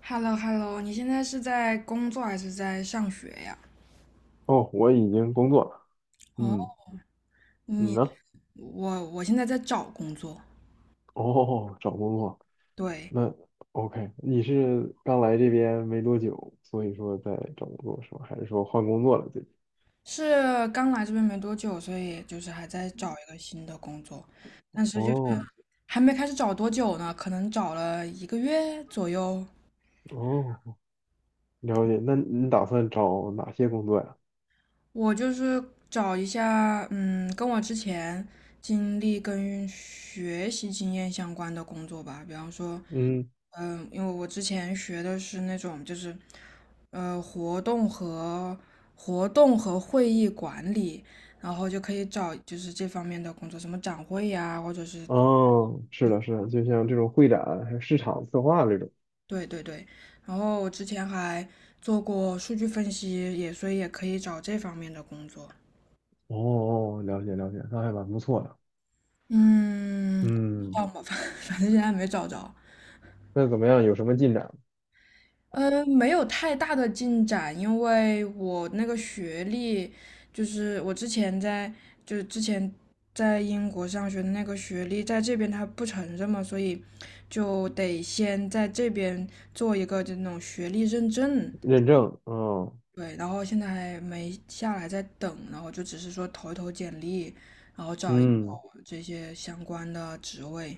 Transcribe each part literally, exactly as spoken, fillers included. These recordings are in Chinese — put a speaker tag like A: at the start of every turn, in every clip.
A: h e l l o h e l l o 你现在是在工作还是在上学呀？
B: 哦，我已经工作了。
A: 哦，
B: 嗯，你
A: 你，
B: 呢？
A: 我我现在在找工作。
B: 哦，找工作。
A: 对，
B: 那 OK，你是刚来这边没多久，所以说在找工作是吧？还是说换工作了最近？
A: 是刚来这边没多久，所以就是还在找一个新的工作，但是就是
B: 哦
A: 还没开始找多久呢，可能找了一个月左右。
B: 哦，了解。那你打算找哪些工作呀？
A: 我就是找一下，嗯，跟我之前经历跟学习经验相关的工作吧。比方说，
B: 嗯，
A: 嗯，因为我之前学的是那种就是，呃，活动和活动和会议管理，然后就可以找就是这方面的工作，什么展会呀，或者是。
B: 哦，是的，是的，就像这种会展还有市场策划这种。
A: 对对对。然后我之前还做过数据分析，也所以也可以找这方面的工作。
B: 哦哦，了解了解，那还蛮不错的。
A: 嗯，不知
B: 嗯，
A: 道嘛，反 反正现在没找着。
B: 那怎么样？有什么进展？
A: 呃，没有太大的进展，因为我那个学历，就是我之前在，就是之前在英国上学的那个学历，在这边他不承认嘛，所以就得先在这边做一个就那种学历认证。
B: 认证？嗯
A: 对，然后现在还没下来，在等，然后就只是说投一投简历，然后找一找
B: 嗯，
A: 这些相关的职位。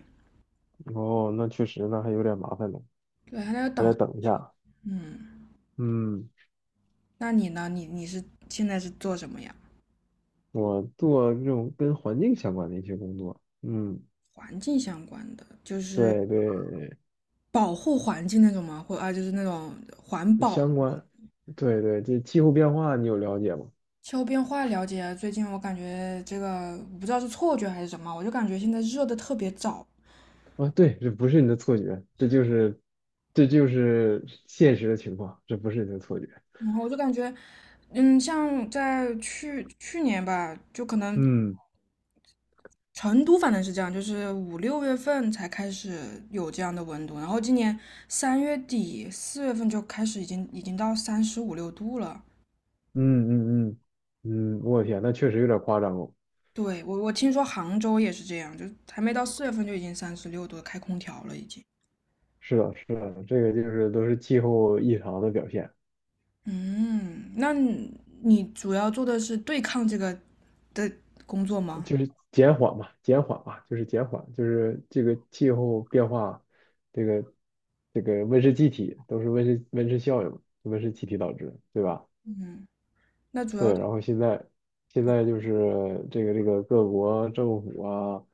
B: 哦，那确实，那还有点麻烦呢。
A: 对，还在
B: 还
A: 等，
B: 得等一下。
A: 嗯。
B: 嗯，
A: 那你呢？你你是现在是做什么呀？
B: 我做这种跟环境相关的一些工作。嗯，
A: 环境相关的，就是
B: 对对，
A: 保护环境那种吗？或啊，就是那种环保。
B: 相关，对对，这气候变化你有了解吗？
A: 气候变化了解啊，最近我感觉这个我不知道是错觉还是什么，我就感觉现在热的特别早，
B: 啊，对，这不是你的错觉，这就是，这就是现实的情况，这不是你的错觉。
A: 然后我就感觉，嗯，像在去去年吧，就可能
B: 嗯
A: 成都反正是这样，就是五六月份才开始有这样的温度，然后今年三月底四月份就开始已经已经到三十五六度了。
B: 嗯嗯嗯嗯，我天，那确实有点夸张哦。
A: 对，我我听说杭州也是这样，就还没到四月份就已经三十六度了开空调了已经。
B: 是的，是的，这个就是都是气候异常的表现。
A: 嗯，那你你主要做的是对抗这个的工作吗？
B: 就是减缓嘛，减缓嘛，就是减缓，就是这个气候变化，这个这个温室气体都是温室温室效应，温室气体导致，对吧？
A: 嗯，那主要
B: 对，然后现在现在就是这个这个各国政府啊，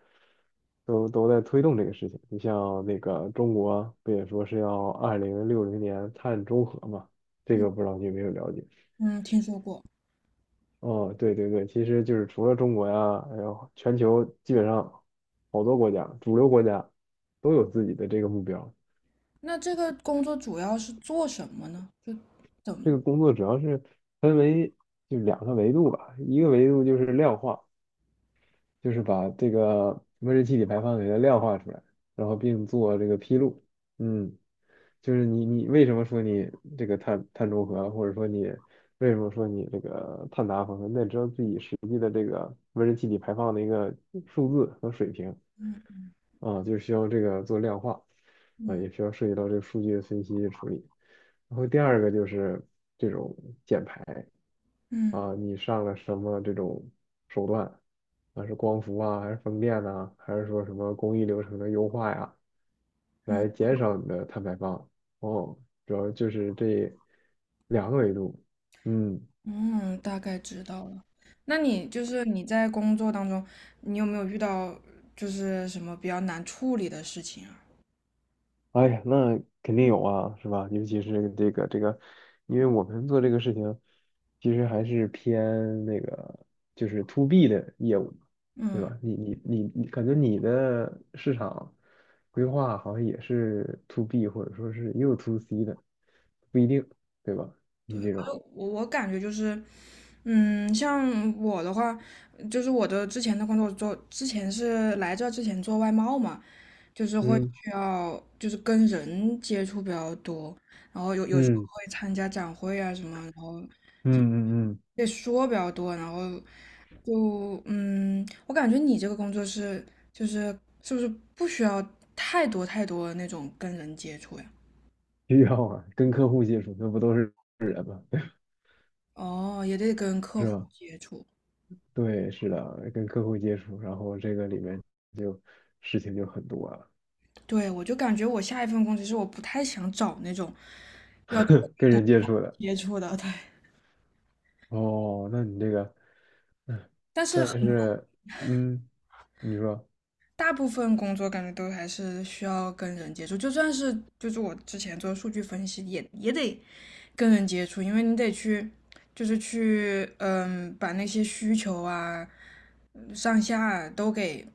B: 都都在推动这个事情。你像那个中国不也说是要二零六零年碳中和嘛？这个不知道你有没有了解？
A: 嗯听说过。
B: 哦，对对对，其实就是除了中国呀，还有全球基本上好多国家，主流国家都有自己的这个目标。
A: 那这个工作主要是做什么呢？就怎么
B: 这个工作主要是分为就两个维度吧，一个维度就是量化，就是把这个温室气体排放给它量化出来，然后并做这个披露。嗯，就是你你为什么说你这个碳碳中和啊，或者说你为什么说你这个碳达峰啊，那知道自己实际的这个温室气体排放的一个数字和水平。啊，就是需要这个做量化，啊，
A: 嗯
B: 也需要涉及到这个数据的分析处理。然后第二个就是这种减排
A: 嗯
B: 啊，你上了什么这种手段啊，是光伏啊，还是风电呐、还是说什么工艺流程的优化呀，来减少你的碳排放。哦，主要就是这两个维度。嗯，
A: 嗯，大概知道了。那你就是你在工作当中，你有没有遇到就是什么比较难处理的事情啊？
B: 哎呀，那肯定有啊，是吧？尤其是这个这个，因为我们做这个事情，其实还是偏那个就是 to B 的业务，对
A: 嗯，
B: 吧？你你你你，感觉你的市场规划好像也是 to B 或者说是也有 to C 的，不一定，对吧？你这
A: 呃
B: 种，
A: 我我感觉就是嗯，像我的话，就是我的之前的工作做，之前是来这之前做外贸嘛，就是会
B: 嗯
A: 需要就是跟人接触比较多，然后有有时候
B: 嗯
A: 会参加展会啊什么，然后
B: 嗯嗯嗯，
A: 也说比较多，然后就嗯，我感觉你这个工作是就是是不是不需要太多太多那种跟人接触呀？
B: 需要啊，跟客户接触，那不都是
A: 哦，也得跟客
B: 是
A: 户
B: 吧？
A: 接触。
B: 对，是的，跟客户接触，然后这个里面就事情就很多了，
A: 对，我就感觉我下一份工，其实我不太想找那种要特 别
B: 跟
A: 多
B: 人接触的。
A: 接触的，对。
B: 哦，那你这个，嗯，
A: 但是
B: 但
A: 很
B: 是，嗯，你说
A: 大部分工作感觉都还是需要跟人接触，就算是就是我之前做数据分析也也得跟人接触，因为你得去就是去嗯把那些需求啊嗯上下啊都给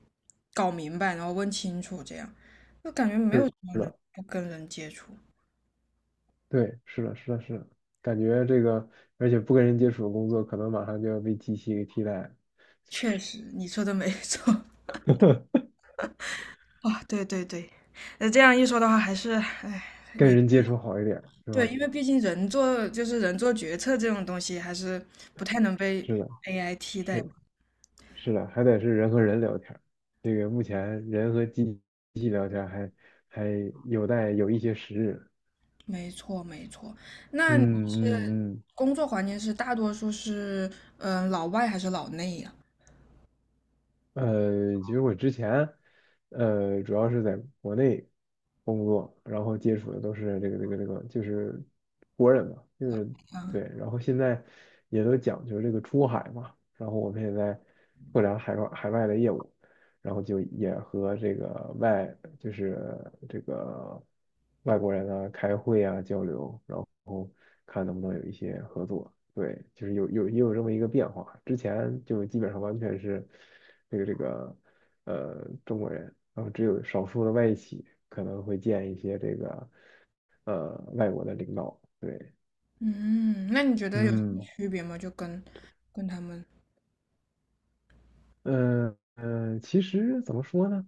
A: 搞明白，然后问清楚，这样就感觉没有
B: 是
A: 什么能
B: 的，
A: 不跟人接触。
B: 对，是的，是的，是的，感觉这个，而且不跟人接触的工作，可能马上就要被机器给替代了，
A: 确实，你说的没错。啊，对对对，那这样一说的话，还是，哎，
B: 跟
A: 你
B: 人接触好一点，是
A: 对，
B: 吧？
A: 因为毕竟人做就是人做决策这种东西，还是不太能被
B: 是的，
A: A I 替
B: 是
A: 代嘛。
B: 的，是的，还得是人和人聊天儿这个目前人和机器聊天儿还还有待有一些时日。
A: 没错，没错。那你
B: 嗯嗯
A: 工作环境是大多数是，嗯、老外还是老内呀？
B: 嗯，呃，其实我之前，呃，主要是在国内工作，然后接触的都是这个这个这个，就是国人嘛，就是
A: 啊，
B: 对，然后现在也都讲究这个出海嘛，然后我们也在拓展海外海外的业务，然后就也和这个外就是这个外国人啊开会啊交流，然后看能不能有一些合作。对，就是有有也有这么一个变化。之前就基本上完全是这个这个呃中国人，然后只有少数的外企可能会见一些这个呃外国的领导。对，
A: 嗯，那你觉得有
B: 嗯
A: 区别吗？就跟跟他们，
B: 嗯嗯，呃其实怎么说呢，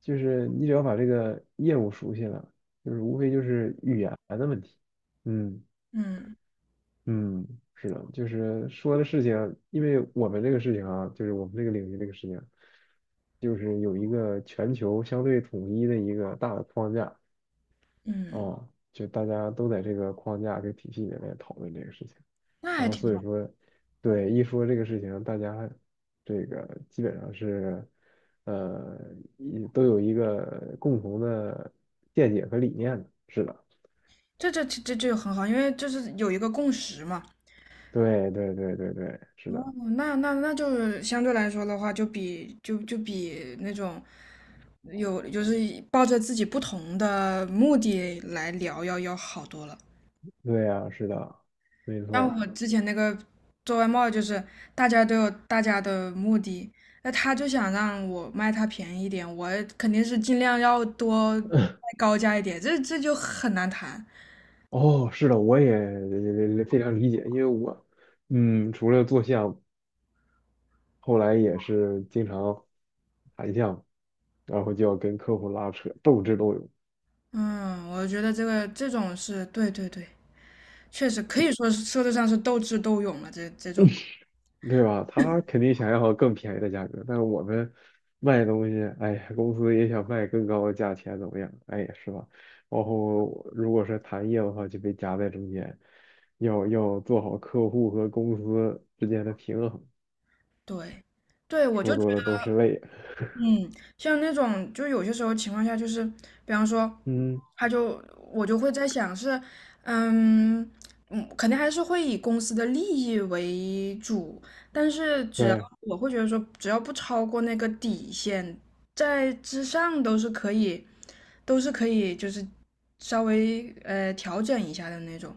B: 就是你只要把这个业务熟悉了，就是无非就是语言的问题。嗯。
A: 嗯
B: 嗯，是的，就是说的事情，因为我们这个事情啊，就是我们这个领域这个事情，就是有一个全球相对统一的一个大的框架
A: 嗯，
B: 啊，就大家都在这个框架这个体系里面讨论这个事情，
A: 那
B: 然
A: 还
B: 后
A: 挺
B: 所以
A: 好，
B: 说，对，一说这个事情，大家这个基本上是，呃，一都有一个共同的见解和理念的，是的，
A: 这这这这就很好，因为就是有一个共识嘛。
B: 对对对对对，是
A: 哦，
B: 的。
A: 那那那就是相对来说的话，就比就就比那种有就是抱着自己不同的目的来聊要要好多了。
B: 对呀，是的，没
A: 像
B: 错
A: 我之前那个做外贸，就是大家都有大家的目的，那他就想让我卖他便宜一点，我肯定是尽量要多卖高价一点，这这就很难谈。
B: 哦，是的，我也非常理解，因为我，嗯，除了做项，目，后来也是经常谈项，然后就要跟客户拉扯，斗智斗勇，
A: 嗯，我觉得这个这种是对对对，确实可以说是说得上是斗智斗勇了，这这种。
B: 对吧？他肯定想要更便宜的价格，但是我们卖东西，哎呀公司也想卖更高的价钱，怎么样？哎呀是吧？然后如果是谈业务的话，就被夹在中间，要要做好客户和公司之间的平衡。
A: 对，对，我就
B: 说
A: 觉得
B: 多了都是泪。
A: 嗯，像那种，就有些时候情况下，就是比方说，
B: 嗯，
A: 他就我就会在想是，嗯嗯，肯定还是会以公司的利益为主，但是只要
B: 对，
A: 我会觉得说，只要不超过那个底线，在之上都是可以，都是可以，就是稍微呃调整一下的那种。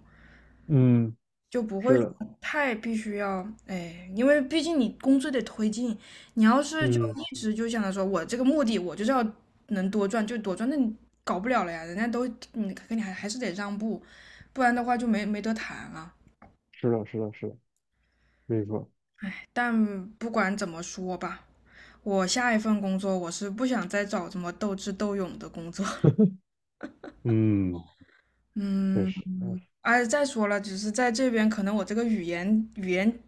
B: 嗯，
A: 就不会
B: 是
A: 说
B: 的，
A: 太必须要，哎，因为毕竟你工作得推进，你要是就
B: 嗯，
A: 一直就想着说我这个目的我就是要能多赚就多赚，那你搞不了了呀，人家都你跟你还还是得让步，不然的话就没没得谈了。
B: 是的，是的，是的，没错，
A: 但不管怎么说吧，我下一份工作我是不想再找这么斗智斗勇的工作。
B: 嗯，确
A: 嗯，
B: 实，嗯
A: 而且再说了，只是在这边可能我这个语言语言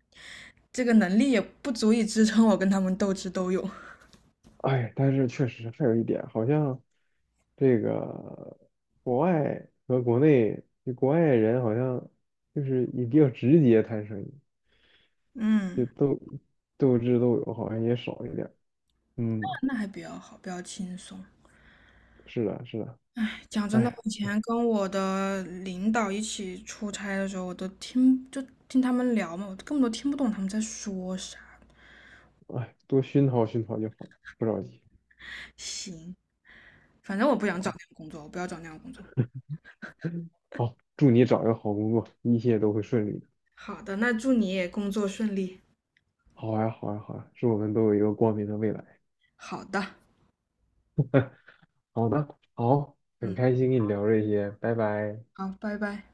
A: 这个能力也不足以支撑我跟他们斗智斗勇。
B: 哎，但是确实还有一点，好像这个国外和国内，就国外人好像就是也比较直接谈生意，就
A: 嗯。
B: 斗斗智斗勇，好像也少一点儿嗯，
A: 那还比较好，比较轻松。
B: 是的，是的，
A: 讲真的，我
B: 哎，
A: 以前
B: 哎，
A: 跟我的领导一起出差的时候，我都听就听他们聊嘛，我根本都听不懂他们在说啥。
B: 哎，多熏陶熏陶就好，不着急，
A: 行，反正我不想
B: 好
A: 找
B: 吧？
A: 那样工作，我不要找那样工作。
B: 好，祝你找一个好工作，一切都会顺利的。
A: 好的，那祝你也工作顺利。
B: 好呀，好呀，好呀，祝我们都有一个光明的未来。
A: 好的，
B: 好的，好，很
A: 嗯，
B: 开心跟你聊这些，拜拜。
A: 好，拜拜。